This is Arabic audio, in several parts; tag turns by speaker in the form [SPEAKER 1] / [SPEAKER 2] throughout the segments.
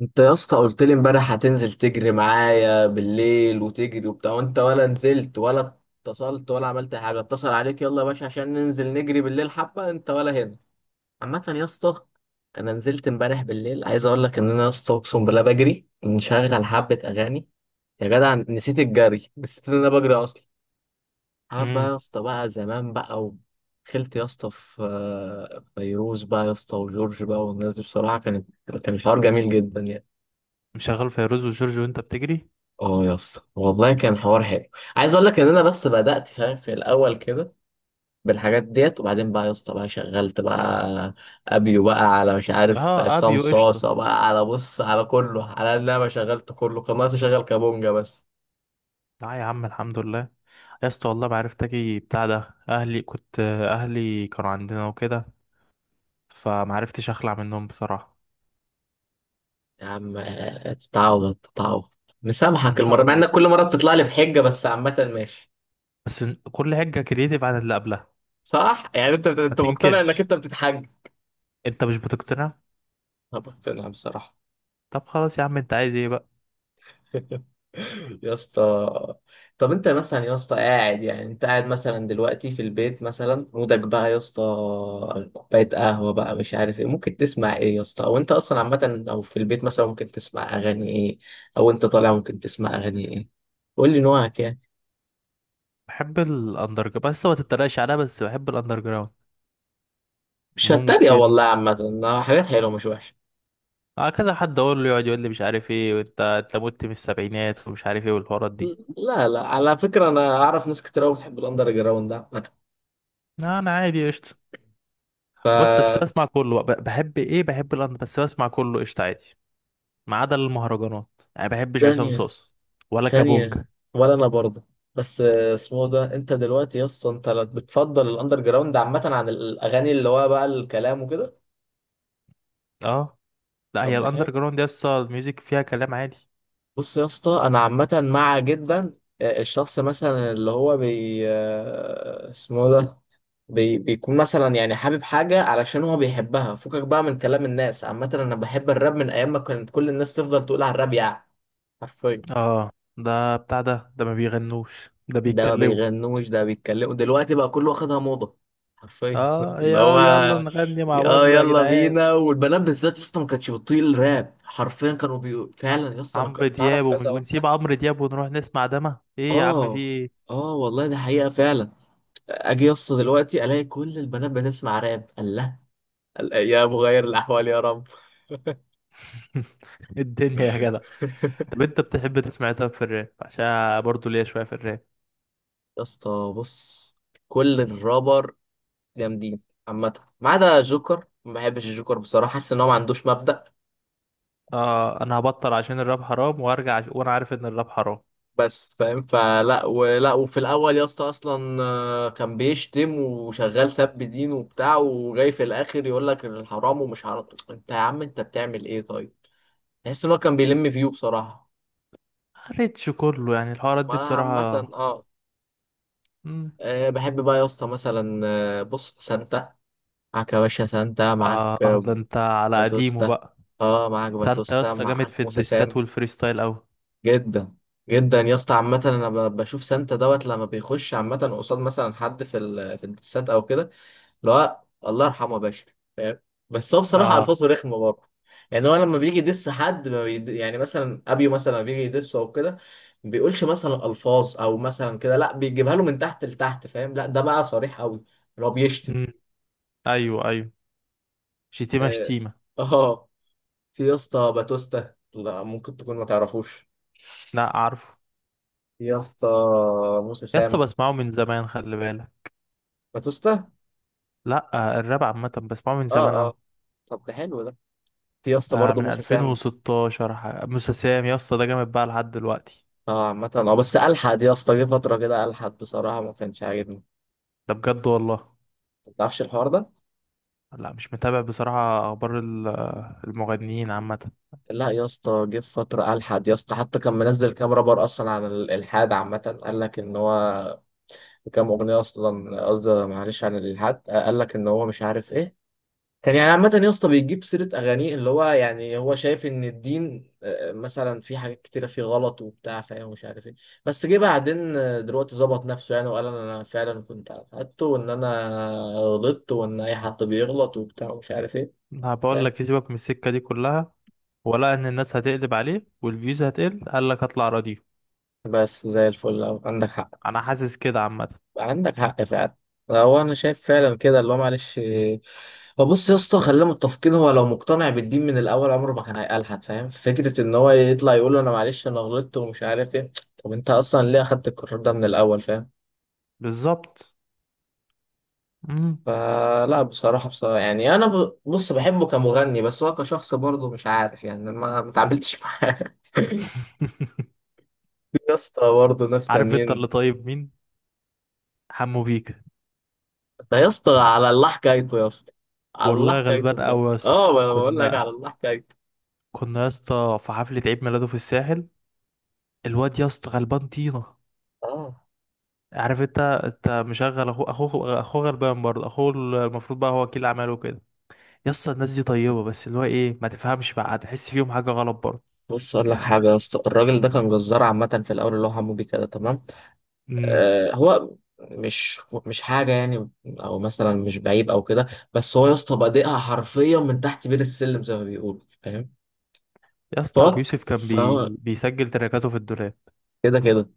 [SPEAKER 1] انت يا اسطى قلت لي امبارح هتنزل تجري معايا بالليل وتجري وبتاع، وانت ولا نزلت ولا اتصلت ولا عملت حاجه. اتصل عليك يلا يا باشا عشان ننزل نجري بالليل حبه، انت ولا هنا؟ عامه يا اسطى. انا نزلت امبارح بالليل، عايز اقول لك ان انا يا اسطى اقسم بالله بجري مشغل حبه اغاني يا جدع، نسيت الجري، نسيت ان انا بجري اصلا. حبه يا
[SPEAKER 2] امم
[SPEAKER 1] اسطى بقى، زمان بقى. ودخلت يا اسطى في فيروز بقى يا اسطى وجورج بقى، والناس دي بصراحه كانت، كان الحوار جميل جدا يعني.
[SPEAKER 2] مشغل فيروز وجورج وانت بتجري.
[SPEAKER 1] اه يا اسطى والله كان حوار حلو. عايز اقول لك ان انا بس بدات فاهم في الاول كده بالحاجات ديت، وبعدين بقى يا اسطى بقى شغلت بقى ابيو بقى، على مش عارف
[SPEAKER 2] اه،
[SPEAKER 1] عصام
[SPEAKER 2] ابيو قشطه.
[SPEAKER 1] صاصه بقى، على بص على كله، على ان انا شغلت كله، كان ناقص اشغل كابونجا بس.
[SPEAKER 2] لا يا عم، الحمد لله. يا اسطى والله ما عرفت اجي بتاع ده، اهلي كانوا عندنا وكده، فما عرفتش اخلع منهم بصراحه.
[SPEAKER 1] يا عم تتعوض تتعوض،
[SPEAKER 2] ان
[SPEAKER 1] مسامحك المره،
[SPEAKER 2] شاء
[SPEAKER 1] مع
[SPEAKER 2] الله لا.
[SPEAKER 1] انك كل مره بتطلع لي بحجه، بس عامه ماشي.
[SPEAKER 2] بس كل حاجه كرييتيف عن اللي قبلها.
[SPEAKER 1] صح، يعني انت
[SPEAKER 2] ما
[SPEAKER 1] انت مقتنع انك
[SPEAKER 2] تنكرش.
[SPEAKER 1] انت بتتحج؟
[SPEAKER 2] انت مش بتقتنع؟
[SPEAKER 1] انا مقتنع بصراحه.
[SPEAKER 2] طب خلاص يا عم، انت عايز ايه بقى؟
[SPEAKER 1] يا اسطى، طب انت مثلا يا اسطى قاعد، يعني انت قاعد مثلا دلوقتي في البيت، مثلا مودك بقى يا اسطى كوبايه قهوه بقى، مش عارف ايه، ممكن تسمع ايه يا اسطى؟ او انت اصلا عامه، او في البيت مثلا ممكن تسمع اغاني ايه، او انت طالع ممكن تسمع اغاني ايه. قول لي نوعك يعني.
[SPEAKER 2] بحب الاندر جراوند، بس ما تتريقش عليها. بس بحب الاندر جراوند.
[SPEAKER 1] مش هتريق
[SPEAKER 2] ممكن.
[SPEAKER 1] والله، عامه حاجات حلوه مش وحشه.
[SPEAKER 2] اه، كذا حد اقول له يقعد يقول لي مش عارف ايه، وانت مت من السبعينات ومش عارف ايه والحوارات دي.
[SPEAKER 1] لا لا، على فكره انا اعرف ناس كتير قوي بتحب الاندر جراوند ده.
[SPEAKER 2] لا انا عادي قشطة. بس بس بسمع كله بقى. بحب ايه، بحب الاندر، بس بسمع كله قشطة عادي. ما عدا المهرجانات يعني، ما بحبش عصام
[SPEAKER 1] عامه.
[SPEAKER 2] صوص ولا
[SPEAKER 1] ثانية.
[SPEAKER 2] كابونجا.
[SPEAKER 1] ولا أنا برضه. بس اسمه ده، أنت دلوقتي يا اسطى أنت لا بتفضل الأندر جراوند عامة عن الأغاني اللي هو بقى الكلام وكده؟
[SPEAKER 2] اه لا،
[SPEAKER 1] طب
[SPEAKER 2] هي
[SPEAKER 1] ده حلو.
[SPEAKER 2] الاندر جراوند دي اصلا الميوزك فيها كلام عادي.
[SPEAKER 1] بص يا اسطى، أنا عامة مع جدا. الشخص مثلا اللي هو اسمه ده، بيكون مثلا يعني حابب حاجة علشان هو بيحبها، فكك بقى من كلام الناس. عامة أنا بحب الراب من أيام ما كانت كل الناس تفضل تقول على الراب يعني. حرفيا.
[SPEAKER 2] اه ده بتاع ده ما بيغنوش، ده
[SPEAKER 1] ده ما
[SPEAKER 2] بيتكلموا.
[SPEAKER 1] بيغنوش، ده بيتكلموا دلوقتي بقى كله واخدها موضة. حرفيا
[SPEAKER 2] اه،
[SPEAKER 1] اللي
[SPEAKER 2] يا
[SPEAKER 1] هو.
[SPEAKER 2] يلا نغني مع
[SPEAKER 1] اه
[SPEAKER 2] بابلو يا
[SPEAKER 1] يلا
[SPEAKER 2] جدعان.
[SPEAKER 1] بينا، والبنات بالذات يا اسطى ما كانتش بتطيق الراب حرفيا، كانوا فعلا يا اسطى، انا
[SPEAKER 2] عمرو
[SPEAKER 1] كنت
[SPEAKER 2] دياب
[SPEAKER 1] اعرف
[SPEAKER 2] ومش
[SPEAKER 1] كذا واحده.
[SPEAKER 2] ونسيب عمرو دياب ونروح نسمع دما ايه يا عم، في
[SPEAKER 1] اه
[SPEAKER 2] ايه؟
[SPEAKER 1] اه والله ده حقيقه فعلا. اجي يا اسطى دلوقتي الاقي كل البنات بتسمع راب، الله. الايام غير الاحوال يا رب.
[SPEAKER 2] الدنيا يا جدع. طب انت بتحب تسمع إيه؟ طب في الراب، عشان برضه ليا شوية في الراب.
[SPEAKER 1] يا اسطى بص، كل الرابر جامدين عامه، ما عدا جوكر. ما بحبش الجوكر بصراحه، حاسس ان هو ما عندوش مبدأ.
[SPEAKER 2] اه انا هبطل عشان الراب حرام وارجع وانا عارف ان الراب حرام.
[SPEAKER 1] بس فاهم، فلا ولا. وفي الاول يا اسطى اصلا كان بيشتم وشغال سب دين وبتاع، وجاي في الاخر يقول لك الحرام ومش حرام. انت يا عم انت بتعمل ايه طيب؟ تحس ان هو كان بيلم فيو بصراحه.
[SPEAKER 2] قريتش كله يعني الحوارات
[SPEAKER 1] ما
[SPEAKER 2] دي
[SPEAKER 1] عامه
[SPEAKER 2] بصراحة.
[SPEAKER 1] اه.
[SPEAKER 2] مم.
[SPEAKER 1] بحب بقى يا اسطى مثلا، بص سانتا معاك يا باشا، سانتا معاك،
[SPEAKER 2] اه ده انت على قديمه
[SPEAKER 1] باتوستا.
[SPEAKER 2] بقى.
[SPEAKER 1] اه معاك
[SPEAKER 2] ده انت يا
[SPEAKER 1] باتوستا،
[SPEAKER 2] اسطى جامد
[SPEAKER 1] معاك
[SPEAKER 2] في
[SPEAKER 1] موسى
[SPEAKER 2] الدسات
[SPEAKER 1] سام.
[SPEAKER 2] والفريستايل اوي.
[SPEAKER 1] جدا. جدا يا اسطى عامه، انا بشوف سانتا دوت لما بيخش عامه قصاد مثلا حد في في الدسات او كده. لا الله يرحمه يا باشا. فاهم. بس هو بصراحه
[SPEAKER 2] اه.
[SPEAKER 1] الفاظه رخمه برضه. يعني هو لما بيجي يدس حد ما بيد... يعني مثلا ابيو مثلا لما بيجي يدسه او كده، ما بيقولش مثلا الفاظ او مثلا كده، لا بيجيبها له من تحت لتحت، فاهم؟ لا ده بقى صريح قوي، اللي هو بيشتم.
[SPEAKER 2] مم. ايوه ايوه. شتيمة
[SPEAKER 1] اه.
[SPEAKER 2] شتيمة.
[SPEAKER 1] آه. في يا اسطى باتوستا، لا ممكن تكون ما تعرفوش.
[SPEAKER 2] لا عارفه.
[SPEAKER 1] في يا اسطى موسى
[SPEAKER 2] يا اسطى
[SPEAKER 1] سام،
[SPEAKER 2] بسمعه من زمان، خلي بالك.
[SPEAKER 1] باتوستا.
[SPEAKER 2] لا، الراب عامة بسمعه من زمان
[SPEAKER 1] اه اه.
[SPEAKER 2] اوي.
[SPEAKER 1] طب ده حلو ده. في يا اسطى
[SPEAKER 2] ده
[SPEAKER 1] برضه
[SPEAKER 2] من
[SPEAKER 1] موسى سام.
[SPEAKER 2] 2016، موسى سام يا اسطى ده جامد بقى لحد دلوقتي.
[SPEAKER 1] اه عامة، اه بس الحد يا اسطى جه فترة كده الحد بصراحة ما كانش عاجبني.
[SPEAKER 2] ده بجد والله.
[SPEAKER 1] ما تعرفش الحوار ده.
[SPEAKER 2] لا مش متابع بصراحة اخبار المغنيين عامة.
[SPEAKER 1] لا يا اسطى، جه في فتره الحد يا اسطى حتى كان منزل كام رابر اصلا عن الالحاد عامه، قال لك ان هو كام اغنيه اصلا، قصدي معلش، عن الالحاد قال لك ان هو مش عارف ايه. كان يعني عامه يا اسطى بيجيب سيره اغانيه اللي هو، يعني هو شايف ان الدين مثلا في حاجات كتيره فيه غلط وبتاع، فاهم، ومش عارف ايه. بس جه بعدين دلوقتي ظبط نفسه يعني، وقال انا فعلا كنت على حقيقته وان انا غلطت وان اي حد بيغلط وبتاع ومش عارف ايه.
[SPEAKER 2] هبقول
[SPEAKER 1] فاهم.
[SPEAKER 2] لك يسيبك من السكة دي كلها. ولا ان الناس هتقلب عليه والفيوز هتقل، قال لك هطلع رديف.
[SPEAKER 1] بس زي الفل أوي. عندك حق.
[SPEAKER 2] انا حاسس كده عامة.
[SPEAKER 1] عندك حق فعلا. هو انا شايف فعلا كده، اللي هو معلش. هو بص يا اسطى، خلينا متفقين، هو لو مقتنع بالدين من الاول عمره ما كان هيقلحد. فاهم، فكره ان هو يطلع يقول انا معلش انا غلطت ومش عارف ايه، طب انت اصلا ليه اخدت القرار ده من الاول؟ فاهم.
[SPEAKER 2] بالظبط. مم.
[SPEAKER 1] فلا بصراحه يعني انا بص، بحبه كمغني، بس هو كشخص برضه مش عارف، يعني ما اتعاملتش معاه يا اسطى برضه ناس
[SPEAKER 2] عارف انت، اللي
[SPEAKER 1] تانيين.
[SPEAKER 2] طيب مين؟ حمو بيكا.
[SPEAKER 1] ده يا اسطى على الله حكايته يا اسطى، على الله
[SPEAKER 2] والله
[SPEAKER 1] حكايته
[SPEAKER 2] غلبان
[SPEAKER 1] بجد.
[SPEAKER 2] قوي يا اسطى.
[SPEAKER 1] اه ما انا بقول لك
[SPEAKER 2] كنا
[SPEAKER 1] على الله حكايته.
[SPEAKER 2] كنا يا اسطى في حفلة عيد ميلاده في الساحل. الواد يا اسطى غلبان طينة.
[SPEAKER 1] اه
[SPEAKER 2] عارف انت مشغل اخوه، اخوه اخوه غلبان برضه، اخوه المفروض بقى هو وكيل اعماله وكده. يا اسطى الناس دي طيبة، بس اللي هو ايه ما تفهمش بقى هتحس فيهم حاجة غلط برضه.
[SPEAKER 1] بص اقول لك حاجه
[SPEAKER 2] يعني
[SPEAKER 1] يا اسطى، الراجل ده كان جزار عامه في الاول، اللي هو حمودي كده تمام.
[SPEAKER 2] ده
[SPEAKER 1] آه هو مش مش حاجه يعني، او مثلا مش بعيب او كده، بس هو يا اسطى بادئها حرفيا من تحت بير السلم زي ما بيقولوا، فاهم.
[SPEAKER 2] يا اسطى ابو يوسف كان
[SPEAKER 1] فهو
[SPEAKER 2] بيسجل تراكاته في الدولاب.
[SPEAKER 1] كده كده.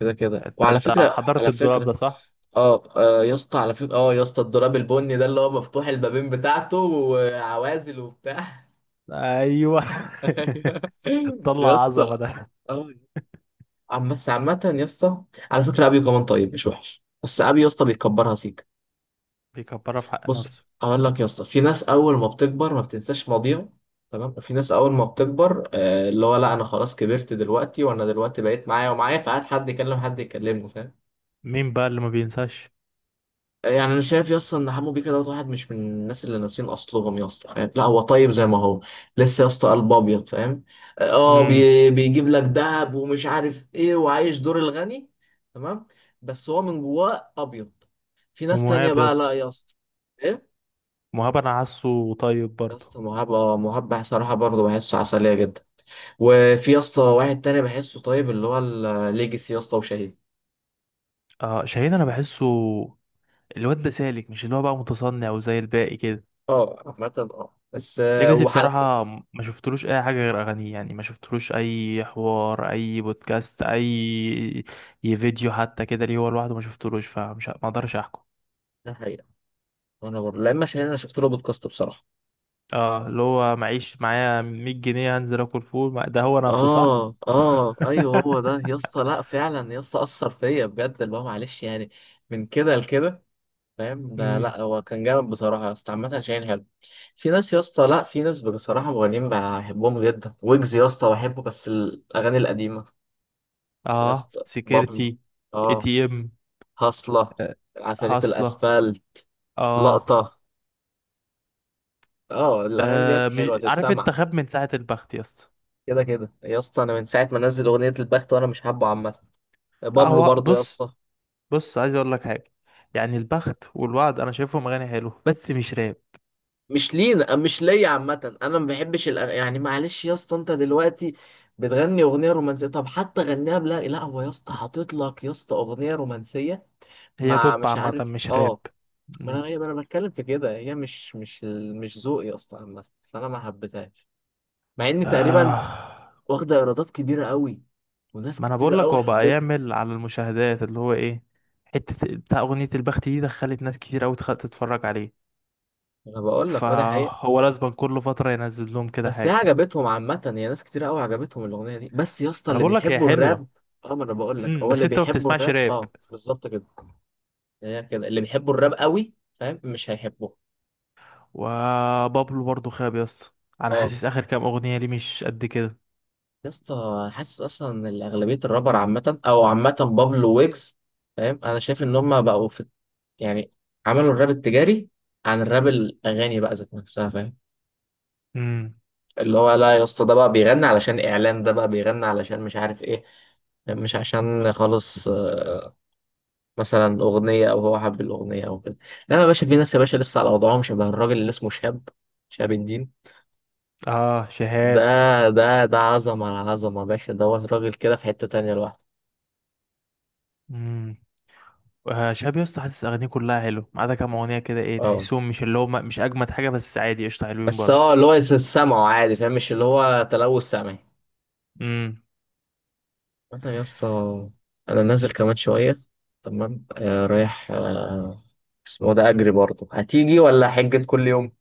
[SPEAKER 1] كده كده،
[SPEAKER 2] انت
[SPEAKER 1] وعلى
[SPEAKER 2] انت
[SPEAKER 1] فكره
[SPEAKER 2] حضرت
[SPEAKER 1] على
[SPEAKER 2] الدولاب
[SPEAKER 1] فكره
[SPEAKER 2] ده صح؟
[SPEAKER 1] اه يا اسطى على فكره، اه يا اسطى الدولاب البني ده اللي هو مفتوح البابين بتاعته وعوازل وبتاع.
[SPEAKER 2] ايوه.
[SPEAKER 1] أيوه.
[SPEAKER 2] طلع
[SPEAKER 1] يا
[SPEAKER 2] عظمه
[SPEAKER 1] اسطى،
[SPEAKER 2] ده.
[SPEAKER 1] اه عم، بس عامة يا اسطى على فكرة أبيو كمان طيب مش وحش، بس أبيو يا اسطى بيكبرها سيكا.
[SPEAKER 2] بيكبرها في حق
[SPEAKER 1] بص،
[SPEAKER 2] نفسه.
[SPEAKER 1] أقول لك يا اسطى، في ناس أول ما بتكبر ما بتنساش ماضيها، تمام، وفي ناس أول ما بتكبر اللي هو لا أنا خلاص كبرت دلوقتي، وأنا دلوقتي بقيت معايا فقعد حد يكلمه، فاهم؟
[SPEAKER 2] مين بقى اللي ما بينساش؟
[SPEAKER 1] يعني انا شايف يا اسطى ان حمو بيكا دوت واحد مش من الناس اللي ناسيين اصلهم يا اسطى، فاهم، لا هو طيب زي ما هو لسه يا اسطى، قلب ابيض، فاهم. اه
[SPEAKER 2] امم.
[SPEAKER 1] بيجيب لك دهب ومش عارف ايه، وعايش دور الغني، تمام، بس هو من جواه ابيض. في ناس تانية
[SPEAKER 2] ومهاب يا
[SPEAKER 1] بقى لا
[SPEAKER 2] اسطى.
[SPEAKER 1] يا اسطى. ايه؟
[SPEAKER 2] مهاب انا حاسه طيب
[SPEAKER 1] يا
[SPEAKER 2] برضه.
[SPEAKER 1] اسطى مهاب، اه مهاب صراحه برضه بحسه عسليه جدا. وفي يا اسطى واحد تاني بحسه طيب اللي هو الليجسي يا اسطى، وشهيد.
[SPEAKER 2] آه شاهين انا بحسه. الواد ده سالك، مش اللي هو بقى متصنع وزي الباقي كده.
[SPEAKER 1] اه عامه، اه بس
[SPEAKER 2] ليجاسي
[SPEAKER 1] وحلقه.
[SPEAKER 2] بصراحة ما شفتلوش أي حاجة غير أغانيه، يعني ما شفتلوش أي حوار، أي بودكاست، أي فيديو حتى كده ليه هو لوحده ما شفتلوش، فمش ما أقدرش أحكم.
[SPEAKER 1] ده حقيقة. وانا برضه، لا اما شهيد انا شفت له بودكاست بصراحه.
[SPEAKER 2] اه اللي هو معيش معايا 100 جنيه هنزل اكل فول، ده هو نفسه صح.
[SPEAKER 1] اه اه، ايوه هو ده يا اسطى، لا فعلا يا اسطى اثر فيا بجد اللي هو معلش يعني، من كده لكده. فاهم، ده
[SPEAKER 2] امم.
[SPEAKER 1] لا هو كان جامد بصراحه يا اسطى، عامه شاهين حلو. في ناس يا اسطى، لا في ناس بصراحه مغنيين بحبهم جدا، ويجز يا اسطى بحبه بس الاغاني القديمه. يا
[SPEAKER 2] اه
[SPEAKER 1] اسطى بابلو.
[SPEAKER 2] سكيورتي. اي
[SPEAKER 1] اه.
[SPEAKER 2] تي ام
[SPEAKER 1] هصله.
[SPEAKER 2] آه،
[SPEAKER 1] عفاريت
[SPEAKER 2] هصلة.
[SPEAKER 1] الاسفل.
[SPEAKER 2] اه،
[SPEAKER 1] لقطه. اه الاغاني ديت
[SPEAKER 2] آه. مش
[SPEAKER 1] حلوه
[SPEAKER 2] عارف
[SPEAKER 1] تتسمع.
[SPEAKER 2] انت خاب من ساعة البخت يا اسطى.
[SPEAKER 1] كده كده يا اسطى، انا من ساعه ما نزل اغنيه البخت وانا مش حابه عامه.
[SPEAKER 2] لا
[SPEAKER 1] بابلو
[SPEAKER 2] هو
[SPEAKER 1] برضو يا
[SPEAKER 2] بص.
[SPEAKER 1] اسطى.
[SPEAKER 2] بص عايز اقول لك حاجة. يعني البخت والوعد انا شايفهم اغاني حلوه بس مش راب.
[SPEAKER 1] مش ليا عامة، أنا ما بحبش يعني معلش يا اسطى، أنت دلوقتي بتغني أغنية رومانسية، طب حتى غنيها بلا لا، هو يا اسطى حاطط لك يا اسطى أغنية رومانسية
[SPEAKER 2] هي
[SPEAKER 1] مع
[SPEAKER 2] بوب
[SPEAKER 1] مش
[SPEAKER 2] عامة
[SPEAKER 1] عارف.
[SPEAKER 2] مش راب.
[SPEAKER 1] أه.
[SPEAKER 2] مم.
[SPEAKER 1] ما أنا بتكلم في كده، هي مش ذوقي أصلا عامة، فأنا ما حبيتهاش. مع إن تقريبا
[SPEAKER 2] آه.
[SPEAKER 1] واخدة إيرادات كبيرة قوي، وناس
[SPEAKER 2] ما انا
[SPEAKER 1] كتيرة
[SPEAKER 2] بقول لك
[SPEAKER 1] قوي
[SPEAKER 2] هو بقى
[SPEAKER 1] حبتها.
[SPEAKER 2] يعمل على المشاهدات اللي هو ايه. حتة بتاع اغنية البخت دي دخلت ناس كتير قوي تتفرج عليه.
[SPEAKER 1] أنا بقول لك أه، ده حقيقة.
[SPEAKER 2] فهو لازم كل فترة ينزل لهم كده
[SPEAKER 1] بس هي
[SPEAKER 2] حاجة.
[SPEAKER 1] عجبتهم عامة، هي ناس كتير قوي عجبتهم الأغنية دي، بس يا اسطى
[SPEAKER 2] ما انا
[SPEAKER 1] اللي
[SPEAKER 2] بقول لك هي
[SPEAKER 1] بيحبوا الراب.
[SPEAKER 2] حلوة.
[SPEAKER 1] اه ما انا بقول لك،
[SPEAKER 2] امم،
[SPEAKER 1] هو
[SPEAKER 2] بس
[SPEAKER 1] اللي
[SPEAKER 2] انت ما
[SPEAKER 1] بيحبوا
[SPEAKER 2] بتسمعش
[SPEAKER 1] الراب،
[SPEAKER 2] راب.
[SPEAKER 1] اه بالظبط كده، يعني هي كده اللي بيحبوا الراب قوي، فاهم، مش هيحبوه.
[SPEAKER 2] وبابلو برضو خاب يا اسطى. انا
[SPEAKER 1] اه
[SPEAKER 2] حاسس اخر كام اغنية ليه مش قد كده.
[SPEAKER 1] يا اسطى حاسس اصلا ان اغلبية الرابر عامة، بابلو ويجز فاهم، انا شايف ان هم بقوا في، يعني عملوا الراب التجاري عن الراب، الاغاني بقى ذات نفسها، فاهم.
[SPEAKER 2] امم.
[SPEAKER 1] اللي هو لا يا اسطى، ده بقى بيغني علشان اعلان، ده بقى بيغني علشان مش عارف ايه، مش عشان خالص مثلا اغنيه او هو حب الاغنيه او كده. لا يا باشا، في ناس يا باشا لسه على وضعهم شبه الراجل اللي اسمه شهاب، شهاب الدين
[SPEAKER 2] اه
[SPEAKER 1] ده.
[SPEAKER 2] شهاب.
[SPEAKER 1] ده عظمه على عظمه يا باشا، ده هو راجل كده في حته تانية لوحده.
[SPEAKER 2] امم. آه شهاب يا اسطى، حاسس اغانيه كلها حلوه ما عدا كام اغنية كده ايه،
[SPEAKER 1] اه
[SPEAKER 2] تحسهم مش اللي هم مش اجمد حاجة بس عادي قشطة حلوين
[SPEAKER 1] بس
[SPEAKER 2] برضو.
[SPEAKER 1] هو اللي هو سمعه عادي، فاهم، مش اللي هو تلوث سمعي.
[SPEAKER 2] امم.
[SPEAKER 1] مثلا يا اسطى، انا نازل كمان شويه، تمام، آه رايح. آه اسمه ده، اجري برضه، هتيجي ولا حجة كل يوم؟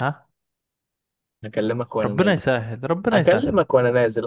[SPEAKER 2] ها.
[SPEAKER 1] هكلمك وانا
[SPEAKER 2] ربنا
[SPEAKER 1] نازل.
[SPEAKER 2] يسهل، ربنا يسهل.
[SPEAKER 1] اكلمك وانا نازل.